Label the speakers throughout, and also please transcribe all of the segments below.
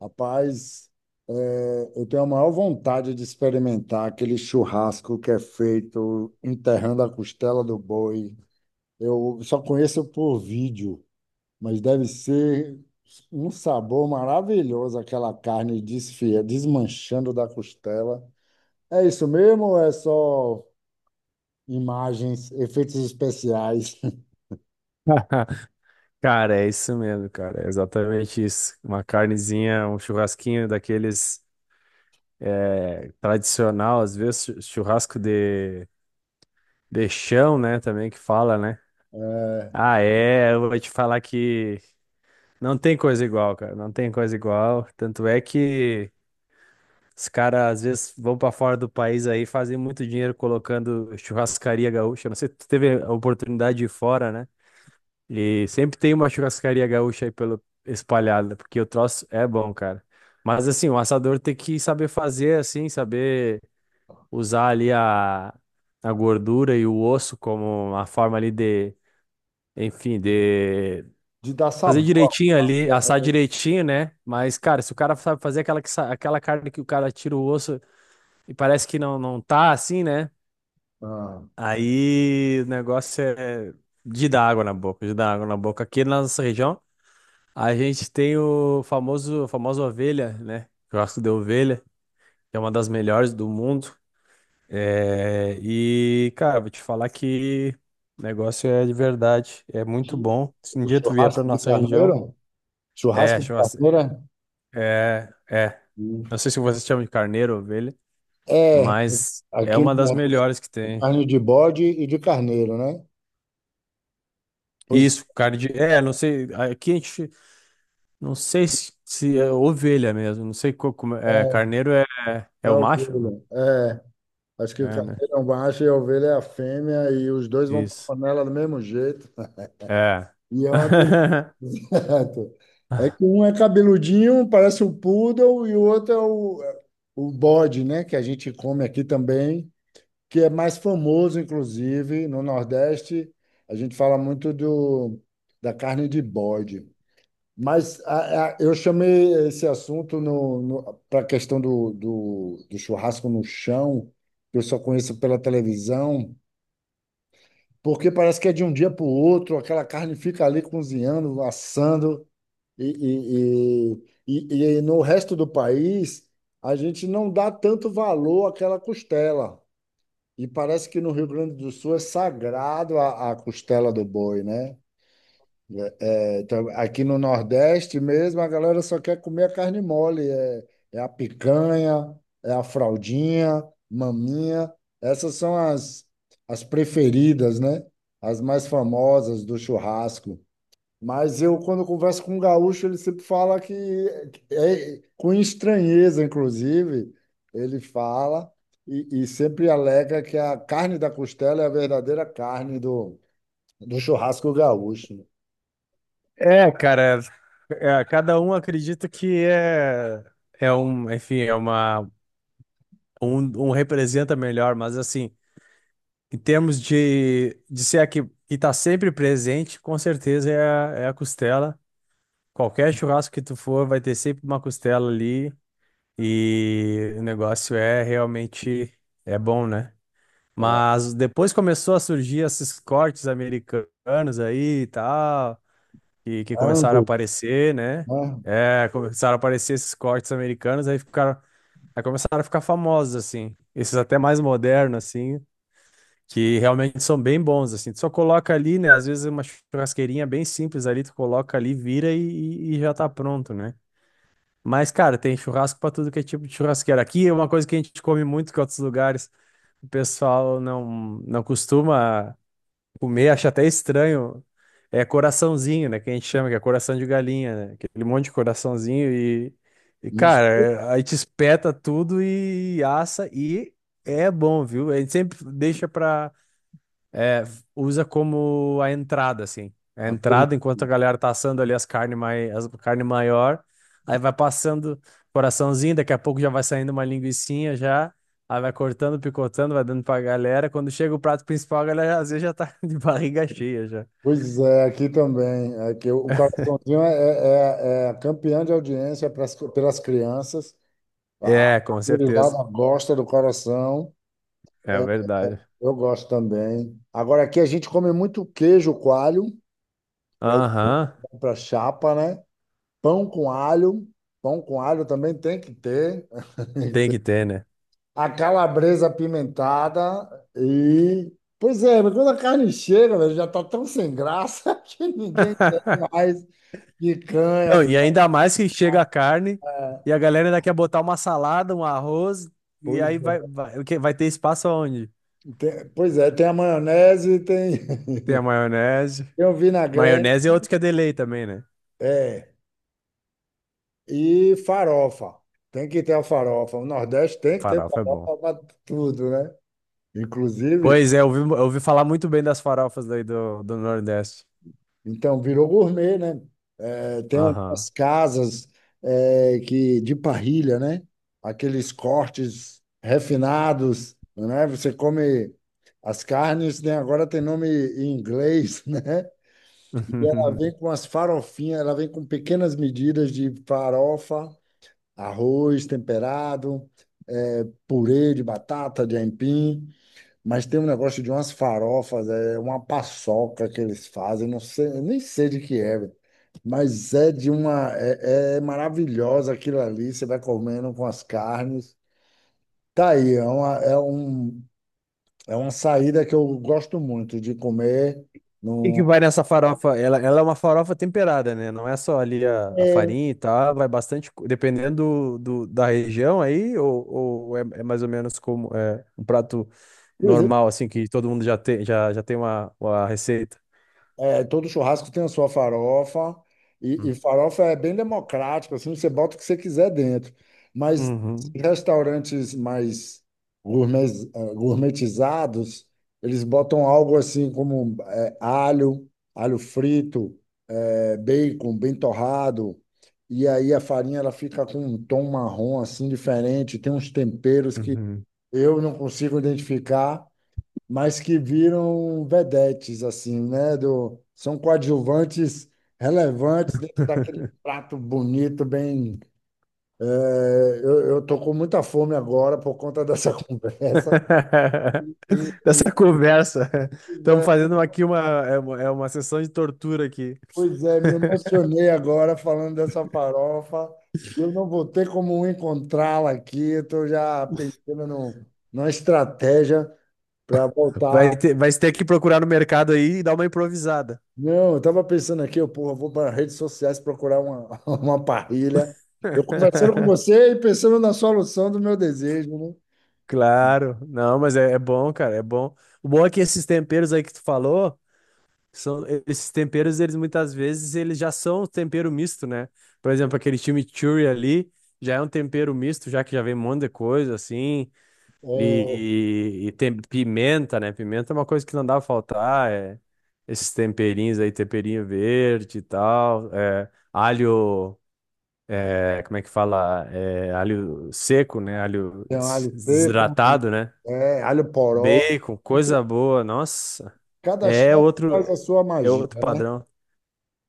Speaker 1: Rapaz, eu tenho a maior vontade de experimentar aquele churrasco que é feito enterrando a costela do boi. Eu só conheço por vídeo, mas deve ser um sabor maravilhoso aquela carne desfia, desmanchando da costela. É isso mesmo ou é só imagens, efeitos especiais?
Speaker 2: Cara, é isso mesmo, cara. É exatamente isso. Uma carnezinha, um churrasquinho daqueles tradicional, às vezes churrasco de chão, né? Também que fala, né?
Speaker 1: É,
Speaker 2: Ah, é. Eu vou te falar que não tem coisa igual, cara. Não tem coisa igual. Tanto é que os caras, às vezes, vão pra fora do país aí, fazem muito dinheiro colocando churrascaria gaúcha. Não sei se tu teve a oportunidade de ir fora, né? E sempre tem uma churrascaria gaúcha aí pelo espalhada, porque o troço é bom, cara. Mas assim, o assador tem que saber fazer assim, saber usar ali a gordura e o osso como uma forma ali enfim, de
Speaker 1: de dar
Speaker 2: fazer
Speaker 1: sabor.
Speaker 2: direitinho ali, assar direitinho, né? Mas, cara, se o cara sabe fazer aquela, aquela carne que o cara tira o osso e parece que não, não tá assim, né?
Speaker 1: Ah,
Speaker 2: Aí o negócio é de dar água na boca, de dar água na boca. Aqui na nossa região, a gente tem o famoso, a famosa ovelha, né? Churrasco de ovelha, que é uma das melhores do mundo. É, e, cara, vou te falar que o negócio é de verdade, é muito bom. Se um
Speaker 1: o
Speaker 2: dia tu vier pra
Speaker 1: churrasco de
Speaker 2: nossa região,
Speaker 1: carneiro?
Speaker 2: é,
Speaker 1: Churrasco de
Speaker 2: churrasco,
Speaker 1: carneiro?
Speaker 2: é, é. Não sei se vocês chamam de carneiro, ovelha,
Speaker 1: É,
Speaker 2: mas é
Speaker 1: aquele
Speaker 2: uma das
Speaker 1: negócio
Speaker 2: melhores que
Speaker 1: de
Speaker 2: tem.
Speaker 1: carne de bode e de carneiro, né? Pois
Speaker 2: Isso, carne de. É, não sei. Aqui a gente. Não sei se, se é ovelha mesmo. Não sei como. É,
Speaker 1: é,
Speaker 2: carneiro é,
Speaker 1: é
Speaker 2: é o
Speaker 1: a
Speaker 2: macho?
Speaker 1: ovelha. É, acho que o
Speaker 2: Né?
Speaker 1: carneiro é um macho e a ovelha é a fêmea, e os dois vão para a
Speaker 2: Isso.
Speaker 1: panela do mesmo jeito.
Speaker 2: É.
Speaker 1: E é uma delícia. É que um é cabeludinho, parece um poodle, e o outro é o bode, né? Que a gente come aqui também, que é mais famoso, inclusive, no Nordeste. A gente fala muito da carne de bode. Mas eu chamei esse assunto para a questão do churrasco no chão, que eu só conheço pela televisão, porque parece que é de um dia para o outro, aquela carne fica ali cozinhando, assando, e, e, e no resto do país a gente não dá tanto valor àquela costela. E parece que no Rio Grande do Sul é sagrado a costela do boi, né? Então, aqui no Nordeste mesmo, a galera só quer comer a carne mole. É a picanha, é a fraldinha, maminha. Essas são as preferidas, né? As mais famosas do churrasco. Mas eu, quando converso com um gaúcho, ele sempre fala que, com estranheza, inclusive, ele fala e sempre alega que a carne da costela é a verdadeira carne do churrasco gaúcho, né?
Speaker 2: É, cara. É, cada um acredita que é, é um, enfim, é uma, um, um representa melhor, mas assim, em termos de ser a que tá sempre presente, com certeza é a, é a costela. Qualquer churrasco que tu for, vai ter sempre uma costela ali e o negócio é realmente é bom, né?
Speaker 1: É,
Speaker 2: Mas depois começou a surgir esses cortes americanos aí e tal. Que começaram a
Speaker 1: angus,
Speaker 2: aparecer, né?
Speaker 1: né?
Speaker 2: É, começaram a aparecer esses cortes americanos, aí ficaram, aí começaram a ficar famosos, assim. Esses até mais modernos, assim, que realmente são bem bons, assim. Tu só coloca ali, né? Às vezes uma churrasqueirinha bem simples ali, tu coloca ali, vira e, e já tá pronto, né? Mas, cara, tem churrasco pra tudo que é tipo de churrasqueira. Aqui é uma coisa que a gente come muito que é outros lugares o pessoal não, não costuma comer, acho até estranho. É coraçãozinho, né? Que a gente chama, que é coração de galinha, né? Aquele monte de coraçãozinho e
Speaker 1: Nos-
Speaker 2: cara, é- aí te espeta tudo e assa e é bom, viu? A gente sempre deixa pra. É, usa como a entrada, assim. A
Speaker 1: a
Speaker 2: entrada, enquanto a galera tá assando ali as carne, mai as carne maior, aí vai passando coraçãozinho, daqui a pouco já vai saindo uma linguicinha já, aí vai cortando, picotando, vai dando pra galera. Quando chega o prato principal, a galera às vezes já tá de barriga cheia já.
Speaker 1: Pois é, aqui também. É que o coraçãozinho é campeão de audiência pelas crianças. A
Speaker 2: É,
Speaker 1: a
Speaker 2: com certeza.
Speaker 1: gurizada gosta do coração.
Speaker 2: É
Speaker 1: É,
Speaker 2: verdade.
Speaker 1: eu gosto também. Agora, aqui a gente come muito queijo coalho, é o
Speaker 2: Aham,
Speaker 1: pão para chapa, né? Pão com alho. Pão com alho também tem que ter.
Speaker 2: tem que ter, né?
Speaker 1: A calabresa apimentada e. Pois é, mas quando a carne chega, velho, já tá tão sem graça que ninguém quer mais picanha.
Speaker 2: Não, e ainda mais que chega a carne e a galera ainda quer botar uma salada, um arroz, e
Speaker 1: Pois
Speaker 2: aí vai,
Speaker 1: é,
Speaker 2: vai, o quê? Vai ter espaço aonde?
Speaker 1: tem a maionese, tem,
Speaker 2: Tem a maionese.
Speaker 1: tem o vinagrete,
Speaker 2: Maionese é outro que é delay também, né?
Speaker 1: é, e farofa. Tem que ter a farofa. O Nordeste tem que ter
Speaker 2: Farofa é bom.
Speaker 1: farofa para tudo, né? Inclusive,
Speaker 2: Pois é, eu ouvi falar muito bem das farofas daí do Nordeste.
Speaker 1: Então, virou gourmet, né? É, tem umas
Speaker 2: Aham.
Speaker 1: casas que de parrilha, né? Aqueles cortes refinados, né? Você come as carnes, né? Agora tem nome em inglês, né? E ela vem com as farofinhas, ela vem com pequenas medidas de farofa, arroz temperado, purê de batata, de aipim. Mas tem um negócio de umas farofas, é uma paçoca que eles fazem, não sei, eu nem sei de que é. Mas é de uma. É maravilhosa aquilo ali, você vai comendo com as carnes. Tá aí, é uma saída que eu gosto muito de comer.
Speaker 2: O que que
Speaker 1: No,
Speaker 2: vai nessa farofa? Ela é uma farofa temperada, né? Não é só ali a
Speaker 1: É,
Speaker 2: farinha e tal, vai bastante, co- dependendo da região aí, ou é, é mais ou menos como é, um prato
Speaker 1: por exemplo,
Speaker 2: normal, assim, que todo mundo já tem, já tem uma receita.
Speaker 1: Todo churrasco tem a sua farofa, e
Speaker 2: Hum.
Speaker 1: farofa é bem democrático, assim, você bota o que você quiser dentro. Mas
Speaker 2: Uhum.
Speaker 1: restaurantes mais gourmetizados, eles botam algo assim como alho, frito, bacon bem torrado, e aí a farinha ela fica com um tom marrom assim diferente, tem uns temperos que
Speaker 2: Uhum.
Speaker 1: eu não consigo identificar, mas que viram vedetes, assim, né? São coadjuvantes relevantes dentro daquele prato bonito, bem. eh, eu tô com muita fome agora por conta dessa conversa. E, e,
Speaker 2: Dessa conversa.
Speaker 1: pois
Speaker 2: Estamos
Speaker 1: é,
Speaker 2: fazendo aqui uma, é uma, é uma sessão de tortura aqui.
Speaker 1: pois é, me emocionei agora falando dessa farofa. Eu não vou ter como encontrá-la aqui. Eu estou já pensando no, numa estratégia para voltar.
Speaker 2: Vai ter que procurar no mercado aí e dar uma improvisada.
Speaker 1: Não, eu tava pensando aqui, eu, porra, vou para redes sociais procurar uma, uma parrilha. Eu conversando com você e pensando na solução do meu desejo, né?
Speaker 2: Claro, não, mas é, é bom, cara, é bom. O bom é que esses temperos aí que tu falou, são esses temperos, eles muitas vezes eles já são um tempero misto, né? Por exemplo, aquele chimichurri ali já é um tempero misto, já que já vem um monte de coisa assim.
Speaker 1: É,
Speaker 2: E tem pimenta, né? Pimenta é uma coisa que não dá pra faltar. É. Esses temperinhos aí, temperinho verde e tal. É, alho, é, como é que fala? É, alho seco, né? Alho
Speaker 1: tem alho seco,
Speaker 2: desidratado, né?
Speaker 1: alho poró.
Speaker 2: Bacon,
Speaker 1: E tem-
Speaker 2: coisa boa. Nossa,
Speaker 1: Cada
Speaker 2: é
Speaker 1: chefe
Speaker 2: outro,
Speaker 1: faz a sua
Speaker 2: é outro
Speaker 1: magia, né?
Speaker 2: padrão.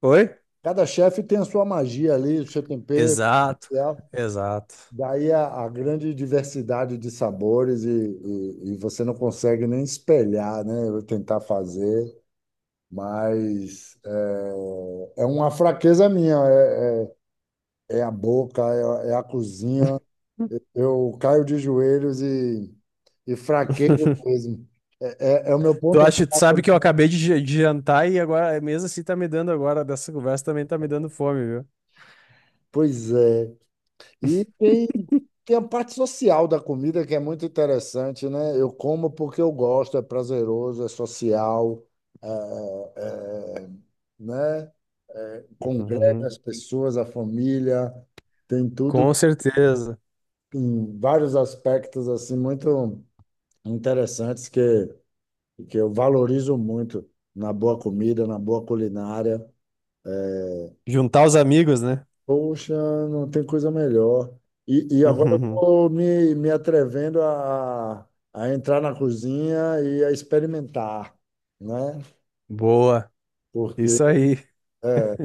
Speaker 2: Oi?
Speaker 1: Cada chefe tem a sua magia ali, o seu tempero
Speaker 2: Exato,
Speaker 1: especial.
Speaker 2: exato.
Speaker 1: Daí a grande diversidade de sabores, e você não consegue nem espelhar, né? Eu tentar fazer. Mas é uma fraqueza minha, é a boca, é a cozinha. Eu caio de joelhos e fraquejo mesmo. É o meu
Speaker 2: Tu
Speaker 1: ponto
Speaker 2: acha, tu
Speaker 1: fraco,
Speaker 2: sabe que eu
Speaker 1: né?
Speaker 2: acabei de jantar e agora, mesmo assim, tá me dando agora, dessa conversa também tá me dando fome, viu?
Speaker 1: Pois é. E tem a parte social da comida que é muito interessante, né? Eu como porque eu gosto, é prazeroso, é social, é, é, né? Congrega
Speaker 2: Uhum.
Speaker 1: as pessoas, a família, tem tudo
Speaker 2: Com certeza.
Speaker 1: em vários aspectos assim muito interessantes que eu valorizo muito na boa comida, na boa culinária. É,
Speaker 2: Juntar os amigos, né?
Speaker 1: Poxa, não tem coisa melhor. E agora eu
Speaker 2: Uhum.
Speaker 1: estou me atrevendo a entrar na cozinha e a experimentar, né?
Speaker 2: Boa.
Speaker 1: Porque
Speaker 2: Isso aí.
Speaker 1: é,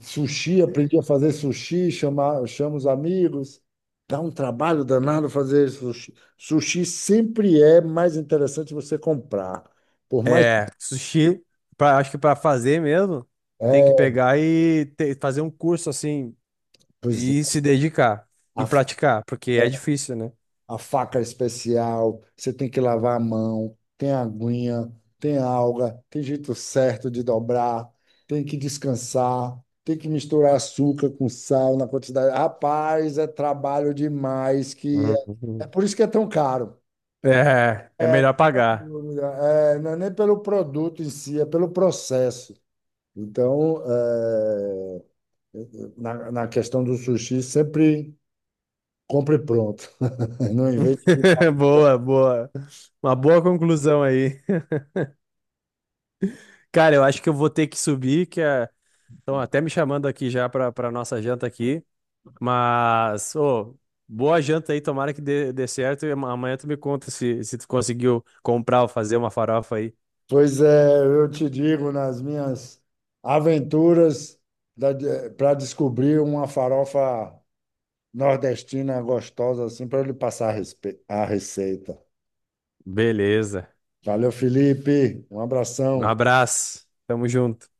Speaker 1: Sushi, aprendi a fazer sushi, chamo os amigos. Dá um trabalho danado fazer sushi. Sushi sempre é mais interessante você comprar. Por mais.
Speaker 2: É, sushi, pra, acho que para fazer mesmo, tem que
Speaker 1: É,
Speaker 2: pegar e fazer um curso assim
Speaker 1: pois é,
Speaker 2: e se dedicar e
Speaker 1: a,
Speaker 2: praticar, porque é difícil, né?
Speaker 1: a faca especial, você tem que lavar a mão, tem aguinha, tem alga, tem jeito certo de dobrar, tem que descansar, tem que misturar açúcar com sal na quantidade. Rapaz, é trabalho demais, que é
Speaker 2: Uhum.
Speaker 1: por isso que é tão caro.
Speaker 2: É, é melhor pagar.
Speaker 1: Dúvida. É, não é nem pelo produto em si, é pelo processo. Então, na questão do sushi, sempre compre pronto. Não invente.
Speaker 2: Boa, boa. Uma boa conclusão aí. Cara, eu acho que eu vou ter que subir, que é... Estão até me chamando aqui já para nossa janta aqui. Mas, ô, boa janta aí, tomara que dê, dê certo. E amanhã tu me conta se, se tu conseguiu comprar ou fazer uma farofa aí.
Speaker 1: Pois é, eu te digo, nas minhas aventuras para descobrir uma farofa nordestina gostosa, assim, para ele passar a receita.
Speaker 2: Beleza.
Speaker 1: Valeu, Felipe. Um
Speaker 2: Um
Speaker 1: abração.
Speaker 2: abraço. Tamo junto.